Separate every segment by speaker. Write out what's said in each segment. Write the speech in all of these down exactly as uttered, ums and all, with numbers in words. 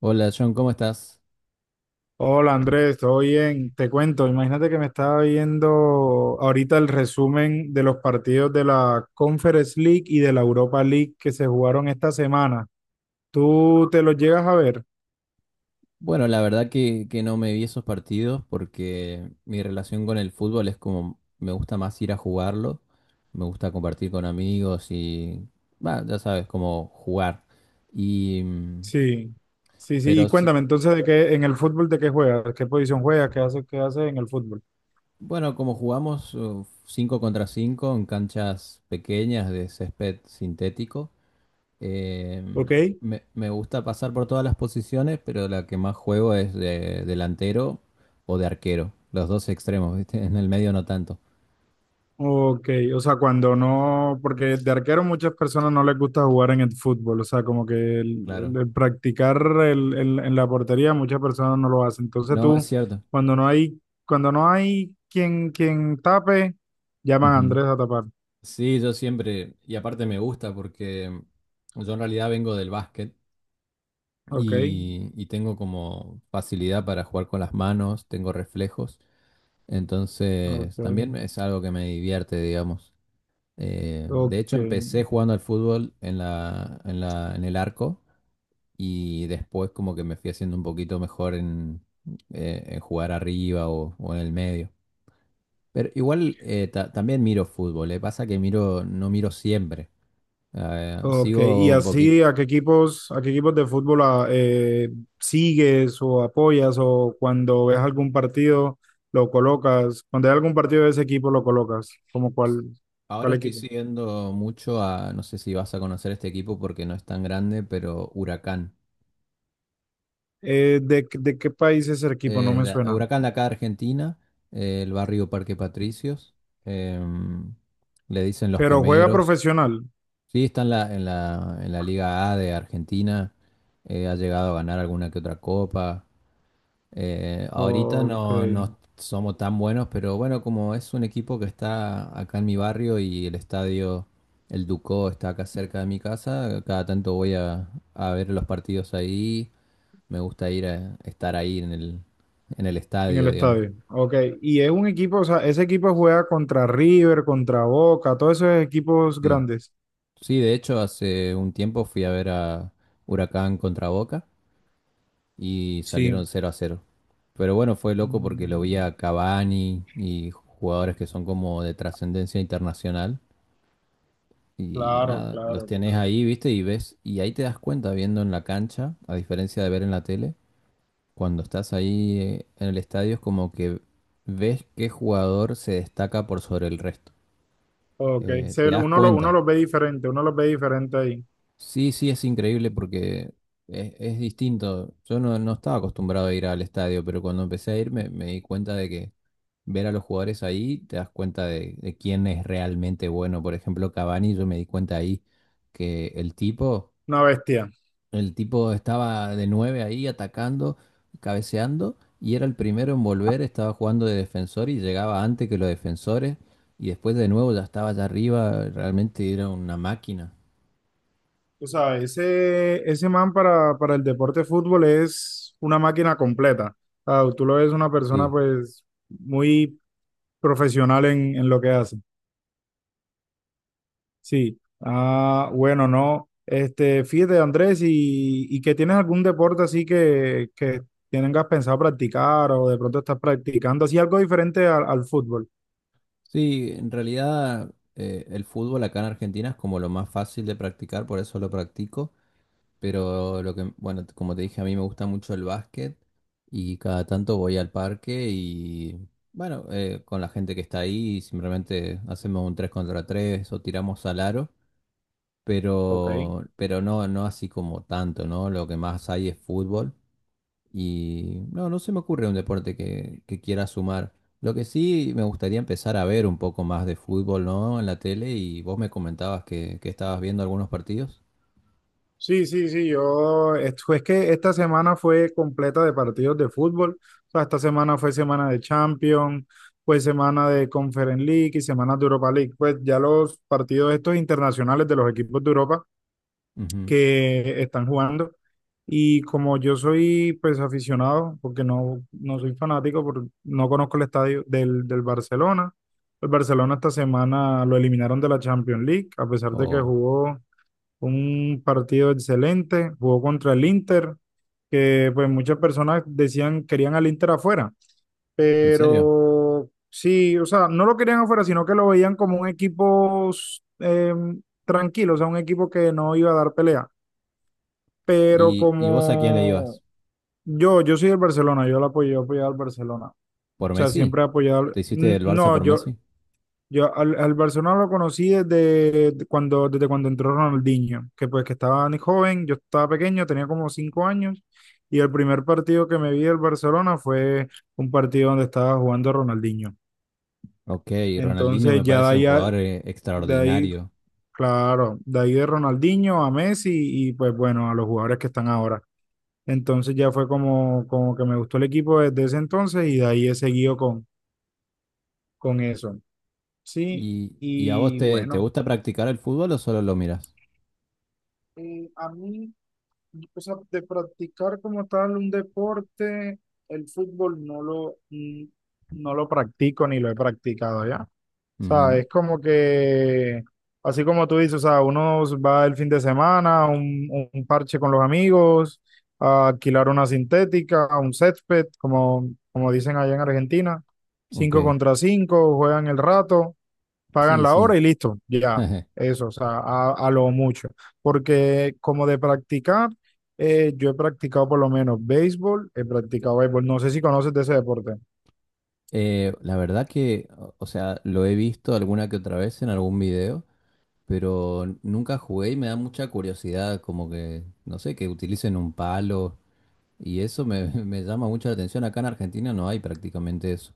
Speaker 1: Hola John, ¿cómo estás?
Speaker 2: Hola Andrés, ¿todo bien? Te cuento, imagínate que me estaba viendo ahorita el resumen de los partidos de la Conference League y de la Europa League que se jugaron esta semana. ¿Tú te los llegas a ver?
Speaker 1: Bueno, la verdad que, que no me vi esos partidos porque mi relación con el fútbol es como me gusta más ir a jugarlo, me gusta compartir con amigos y, bah, ya sabes, como jugar. Y, mm,
Speaker 2: Sí, sí, sí. Y
Speaker 1: pero sí,
Speaker 2: cuéntame entonces de qué en el fútbol de qué juegas, qué posición juegas, qué haces, qué haces en el fútbol.
Speaker 1: bueno, como jugamos uh, cinco contra cinco en canchas pequeñas de césped sintético. Eh,
Speaker 2: ¿Ok?
Speaker 1: me, me gusta pasar por todas las posiciones, pero la que más juego es de delantero o de arquero. Los dos extremos, ¿viste? En el medio no tanto.
Speaker 2: Ok, o sea, cuando no, porque de arquero muchas personas no les gusta jugar en el fútbol, o sea, como que el,
Speaker 1: Claro.
Speaker 2: el- el practicar el- el- en la portería muchas personas no lo hacen. Entonces
Speaker 1: No, es
Speaker 2: tú,
Speaker 1: cierto.
Speaker 2: cuando no hay, cuando no hay quien, quien tape, llaman a
Speaker 1: Ujú.
Speaker 2: Andrés a tapar.
Speaker 1: Sí, yo siempre, y aparte me gusta porque yo en realidad vengo del básquet
Speaker 2: Ok,
Speaker 1: y, y tengo como facilidad para jugar con las manos, tengo reflejos,
Speaker 2: ok,
Speaker 1: entonces también es algo que me divierte, digamos. Eh, de hecho,
Speaker 2: ok.
Speaker 1: empecé jugando al fútbol en la, en la, en el arco y después como que me fui haciendo un poquito mejor en, eh, en jugar arriba o, o en el medio. Pero igual eh, ta- también miro fútbol, le pasa que miro, no miro siempre. Eh,
Speaker 2: Ok, y
Speaker 1: sigo un poquito.
Speaker 2: así, ¿a qué equipos, a qué equipos de fútbol ah, eh, sigues o apoyas o cuando ves algún partido lo colocas? Cuando hay algún partido de ese equipo lo colocas, ¿como cuál,
Speaker 1: Ahora
Speaker 2: cuál
Speaker 1: estoy
Speaker 2: equipo?
Speaker 1: siguiendo mucho a, no sé si vas a conocer este equipo porque no es tan grande, pero Huracán.
Speaker 2: Eh, ¿de, de qué país es el equipo? No
Speaker 1: eh,
Speaker 2: me
Speaker 1: de-
Speaker 2: suena.
Speaker 1: Huracán de acá, Argentina, eh, el barrio Parque Patricios, em, le dicen los
Speaker 2: Pero juega
Speaker 1: Quemeros.
Speaker 2: profesional.
Speaker 1: Sí, está en la, en la, en la Liga A de Argentina, eh, ha llegado a ganar alguna que otra copa. Eh, ahorita
Speaker 2: Ok,
Speaker 1: no, no
Speaker 2: en
Speaker 1: somos tan buenos, pero bueno, como es un equipo que está acá en mi barrio y el estadio, el Ducó, está acá cerca de mi casa, cada tanto voy a, a ver los partidos ahí. Me gusta ir a estar ahí en el, en el
Speaker 2: el
Speaker 1: estadio, digamos.
Speaker 2: estadio. Ok, y es un equipo, o sea, ese equipo juega contra River, contra Boca, todos esos equipos
Speaker 1: Sí,
Speaker 2: grandes.
Speaker 1: sí, de hecho hace un tiempo fui a ver a Huracán contra Boca y salieron
Speaker 2: Sí.
Speaker 1: cero a cero. Pero bueno, fue loco porque lo vi
Speaker 2: Mm,
Speaker 1: a Cavani y jugadores que son como de trascendencia internacional. Y
Speaker 2: claro,
Speaker 1: nada, los
Speaker 2: claro,
Speaker 1: tenés
Speaker 2: claro.
Speaker 1: ahí, viste, y ves, y ahí te das cuenta viendo en la cancha, a diferencia de ver en la tele, cuando estás ahí eh, en el estadio es como que ves qué jugador se destaca por sobre el resto.
Speaker 2: Ok,
Speaker 1: Eh, te
Speaker 2: se-
Speaker 1: das
Speaker 2: uno, lo, uno
Speaker 1: cuenta.
Speaker 2: los ve diferente, uno los ve diferente ahí.
Speaker 1: Sí, sí, es increíble porque es, es distinto. Yo no, no estaba acostumbrado a ir al estadio, pero cuando empecé a ir me, me di cuenta de que ver a los jugadores ahí, te das cuenta de, de quién es realmente bueno. Por ejemplo, Cavani, yo me di cuenta ahí que el tipo,
Speaker 2: Una bestia.
Speaker 1: el tipo estaba de nueve ahí atacando, cabeceando, y era el primero en volver, estaba jugando de defensor y llegaba antes que los defensores, y después de nuevo ya estaba allá arriba, realmente era una máquina.
Speaker 2: O sea, ese, ese man para, para el deporte de fútbol es una máquina completa. Ah, tú lo ves una persona
Speaker 1: Sí.
Speaker 2: pues muy profesional en, en lo que hace. Sí. Ah, bueno, no. Este, fíjate, Andrés, y, y que tienes algún deporte así que, que tengas pensado practicar o de pronto estás practicando así algo diferente al, al fútbol.
Speaker 1: Sí, en realidad eh, el fútbol acá en Argentina es como lo más fácil de practicar, por eso lo practico. Pero lo que, bueno, t- como te dije, a mí me gusta mucho el básquet y cada tanto voy al parque y, bueno, eh, con la gente que está ahí y simplemente hacemos un tres contra tres o tiramos al aro,
Speaker 2: Ok.
Speaker 1: pero, pero no, no así como tanto, ¿no? Lo que más hay es fútbol. Y no, no se me ocurre un deporte que, que quiera sumar. Lo que sí, me gustaría empezar a ver un poco más de fútbol, ¿no? En la tele, y vos me comentabas que, que estabas viendo algunos partidos.
Speaker 2: Sí, sí, sí, yo, es es que esta semana fue completa de partidos de fútbol, o sea, esta semana fue semana de Champions, fue semana de Conference League y semana de Europa League, pues ya los partidos estos internacionales de los equipos de Europa
Speaker 1: Ujú.
Speaker 2: que están jugando, y como yo soy pues aficionado, porque no, no soy fanático, por- no conozco el estadio del, del Barcelona. El Barcelona esta semana lo eliminaron de la Champions League, a pesar de que
Speaker 1: O,
Speaker 2: jugó un partido excelente. Jugó contra el Inter, que pues muchas personas decían querían al Inter afuera,
Speaker 1: ¿en serio?
Speaker 2: pero sí, o sea, no lo querían afuera, sino que lo veían como un equipo eh, tranquilo, o sea, un equipo que no iba a dar pelea, pero
Speaker 1: ¿Y, y vos a quién le
Speaker 2: como
Speaker 1: ibas?
Speaker 2: yo, yo soy del Barcelona, yo lo apoyo, yo he apoyado al Barcelona. O
Speaker 1: ¿Por
Speaker 2: sea,
Speaker 1: Messi?
Speaker 2: siempre he apoyado. al-
Speaker 1: ¿Te hiciste del Barça
Speaker 2: No,
Speaker 1: por
Speaker 2: yo,
Speaker 1: Messi?
Speaker 2: yo al, al Barcelona lo conocí desde de cuando, desde cuando entró Ronaldinho, que pues que estaba ni joven, yo estaba pequeño, tenía como cinco años, y el primer partido que me vi del Barcelona fue un partido donde estaba jugando Ronaldinho.
Speaker 1: Ok, Ronaldinho
Speaker 2: Entonces
Speaker 1: me
Speaker 2: ya de
Speaker 1: parece un
Speaker 2: ahí, a-
Speaker 1: jugador eh,
Speaker 2: de ahí,
Speaker 1: extraordinario.
Speaker 2: claro, de ahí de Ronaldinho a Messi, y pues bueno, a los jugadores que están ahora. Entonces ya fue como, como que me gustó el equipo desde ese entonces, y de ahí he seguido con, con eso. Sí,
Speaker 1: ¿Y, y a vos
Speaker 2: y
Speaker 1: te, te
Speaker 2: bueno,
Speaker 1: gusta practicar el fútbol o solo lo miras?
Speaker 2: eh, a mí. Pues no, de practicar como tal un deporte, el fútbol no lo, mm, no lo practico ni lo he practicado ya. O sea,
Speaker 1: Ujú.
Speaker 2: es como que, así como tú dices, o sea, uno va el fin de semana a un, un parche con los amigos, a alquilar una sintética, a un césped, como, como dicen allá en Argentina, cinco
Speaker 1: Ok,
Speaker 2: contra cinco, juegan el rato, pagan
Speaker 1: sí,
Speaker 2: la
Speaker 1: sí.
Speaker 2: hora y listo, ya, eso, o sea, a, a lo mucho. Porque como de practicar, eh, yo he practicado por lo menos béisbol, he practicado béisbol, no sé si conoces de ese deporte.
Speaker 1: Eh, la verdad que, o o sea, lo he visto alguna que otra vez en algún video, pero nunca jugué y me da mucha curiosidad, como que, no sé, que utilicen un palo y eso me, me llama mucho la atención. Acá en Argentina no hay prácticamente eso.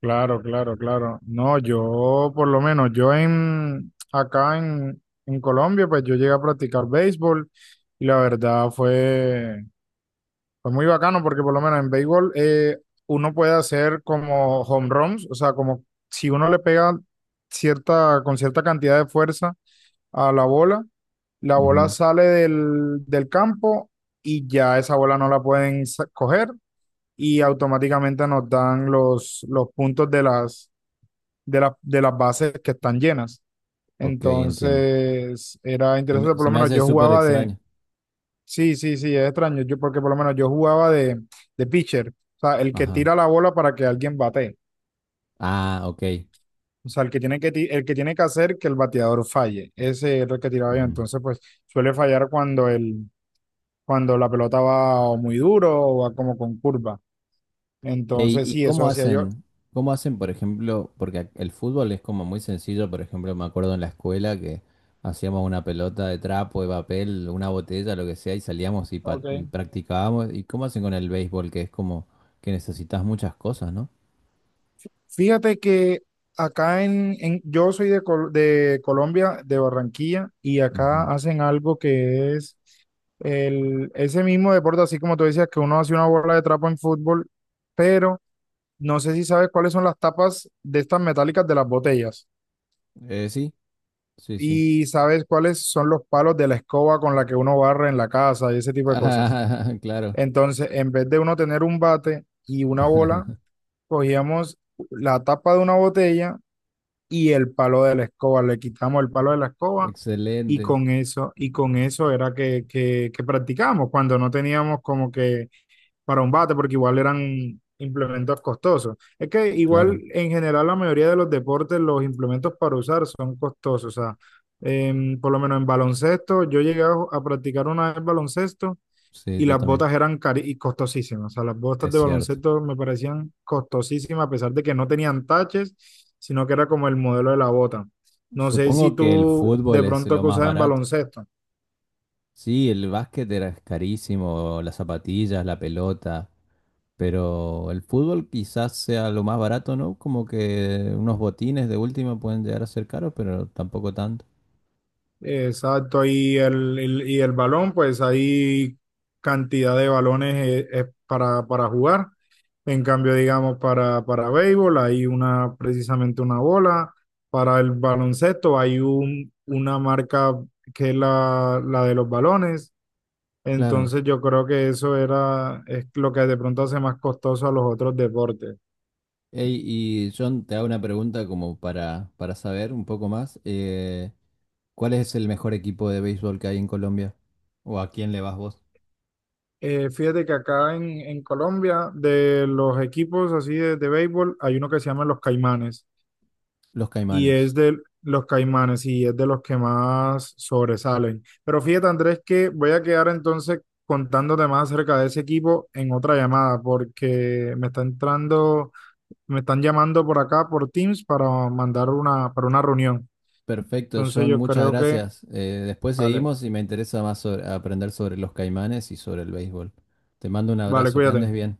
Speaker 2: Claro, claro, claro. No, yo por lo menos, yo en, acá en, en Colombia, pues yo llegué a practicar béisbol y la verdad fue fue muy bacano porque por lo menos en béisbol eh, uno puede hacer como home runs, o sea, como si uno le pega cierta, con cierta cantidad de fuerza a la bola, la bola
Speaker 1: Ujú.
Speaker 2: sale del, del campo y ya esa bola no la pueden sa- coger, y automáticamente nos dan los, los puntos de las, de las, de las bases que están llenas.
Speaker 1: Ok, entiendo.
Speaker 2: Entonces era
Speaker 1: Se
Speaker 2: interesante,
Speaker 1: me,
Speaker 2: por
Speaker 1: se
Speaker 2: lo
Speaker 1: me
Speaker 2: menos
Speaker 1: hace
Speaker 2: yo
Speaker 1: súper
Speaker 2: jugaba de,
Speaker 1: extraño.
Speaker 2: sí, sí, sí, es extraño, yo porque por lo menos yo jugaba de, de pitcher, o sea, el que
Speaker 1: Ajá.
Speaker 2: tira la bola para que alguien bate.
Speaker 1: Ah, ok.
Speaker 2: O sea, el que tiene que, ti- el que tiene que hacer que el bateador falle. Ese es el que tiraba yo.
Speaker 1: Ujú.
Speaker 2: Entonces, pues suele fallar cuando el, cuando la pelota va o muy duro o va como con curva.
Speaker 1: Ey,
Speaker 2: Entonces,
Speaker 1: ¿y
Speaker 2: sí,
Speaker 1: cómo
Speaker 2: eso hacía yo.
Speaker 1: hacen? ¿Cómo hacen, por ejemplo? Porque ac- el fútbol es como muy sencillo, por ejemplo, me acuerdo en la escuela que hacíamos una pelota de trapo, de papel, una botella, lo que sea, y salíamos y, pa-
Speaker 2: Ok.
Speaker 1: y practicábamos. ¿Y cómo hacen con el béisbol? Que es como que necesitas muchas cosas, ¿no?
Speaker 2: Fíjate que acá en, en- yo soy de, Col- de Colombia, de Barranquilla, y acá
Speaker 1: Ujú.
Speaker 2: hacen algo que es el, ese mismo deporte, así como tú decías, que uno hace una bola de trapo en fútbol, pero no sé si sabes cuáles son las tapas de estas metálicas de las botellas
Speaker 1: Eh, sí, sí, sí.
Speaker 2: y sabes cuáles son los palos de la escoba con la que uno barre en la casa y ese tipo de cosas.
Speaker 1: Ah, claro.
Speaker 2: Entonces, en vez de uno tener un bate y una bola, cogíamos la tapa de una botella y el palo de la escoba. Le quitamos el palo de la escoba, y
Speaker 1: Excelente.
Speaker 2: con eso, y con eso era que, que, que practicábamos cuando no teníamos como que para un bate, porque igual eran implementos costosos. Es que igual
Speaker 1: Claro,
Speaker 2: en general la mayoría de los deportes, los implementos para usar son costosos. O sea, em, por lo menos en baloncesto, yo llegué a a practicar una vez baloncesto
Speaker 1: sí,
Speaker 2: y
Speaker 1: yo
Speaker 2: las
Speaker 1: también.
Speaker 2: botas eran cari y costosísimas. O sea, las botas
Speaker 1: Es
Speaker 2: de
Speaker 1: cierto.
Speaker 2: baloncesto me parecían costosísimas, a pesar de que no tenían taches, sino que era como el modelo de la bota. No sé si
Speaker 1: Supongo que el
Speaker 2: tú
Speaker 1: fútbol
Speaker 2: de
Speaker 1: es
Speaker 2: pronto
Speaker 1: lo
Speaker 2: que
Speaker 1: más
Speaker 2: usas en
Speaker 1: barato.
Speaker 2: baloncesto.
Speaker 1: Sí, el básquet era carísimo, las zapatillas, la pelota, pero el fútbol quizás sea lo más barato, ¿no? Como que unos botines de última pueden llegar a ser caros, pero tampoco tanto.
Speaker 2: Exacto, y el, el- y el balón, pues hay cantidad de balones eh, eh, para, para jugar. En cambio, digamos, para, para béisbol hay una, precisamente una bola. Para el baloncesto hay un, una marca que es la, la de los balones.
Speaker 1: Claro.
Speaker 2: Entonces yo creo que eso era, es lo que de pronto hace más costoso a los otros deportes.
Speaker 1: Ey, y John, te hago una pregunta como para, para saber un poco más. eh, ¿cuál es el mejor equipo de béisbol que hay en Colombia? ¿O a quién le vas vos?
Speaker 2: Eh, fíjate que acá en, en Colombia, de los equipos así de, de béisbol, hay uno que se llama Los Caimanes,
Speaker 1: Los
Speaker 2: y es
Speaker 1: Caimanes.
Speaker 2: de los Caimanes y es de los que más sobresalen. Pero fíjate, Andrés, que voy a quedar entonces contándote más acerca de ese equipo en otra llamada porque me está entrando, me están llamando por acá por Teams para mandar una, para una reunión.
Speaker 1: Perfecto,
Speaker 2: Entonces
Speaker 1: John,
Speaker 2: yo
Speaker 1: muchas
Speaker 2: creo que,
Speaker 1: gracias. Eh, después
Speaker 2: vale.
Speaker 1: seguimos y me interesa más sobre- aprender sobre los caimanes y sobre el béisbol. Te mando un
Speaker 2: Vale,
Speaker 1: abrazo, que andes
Speaker 2: cuídate.
Speaker 1: bien.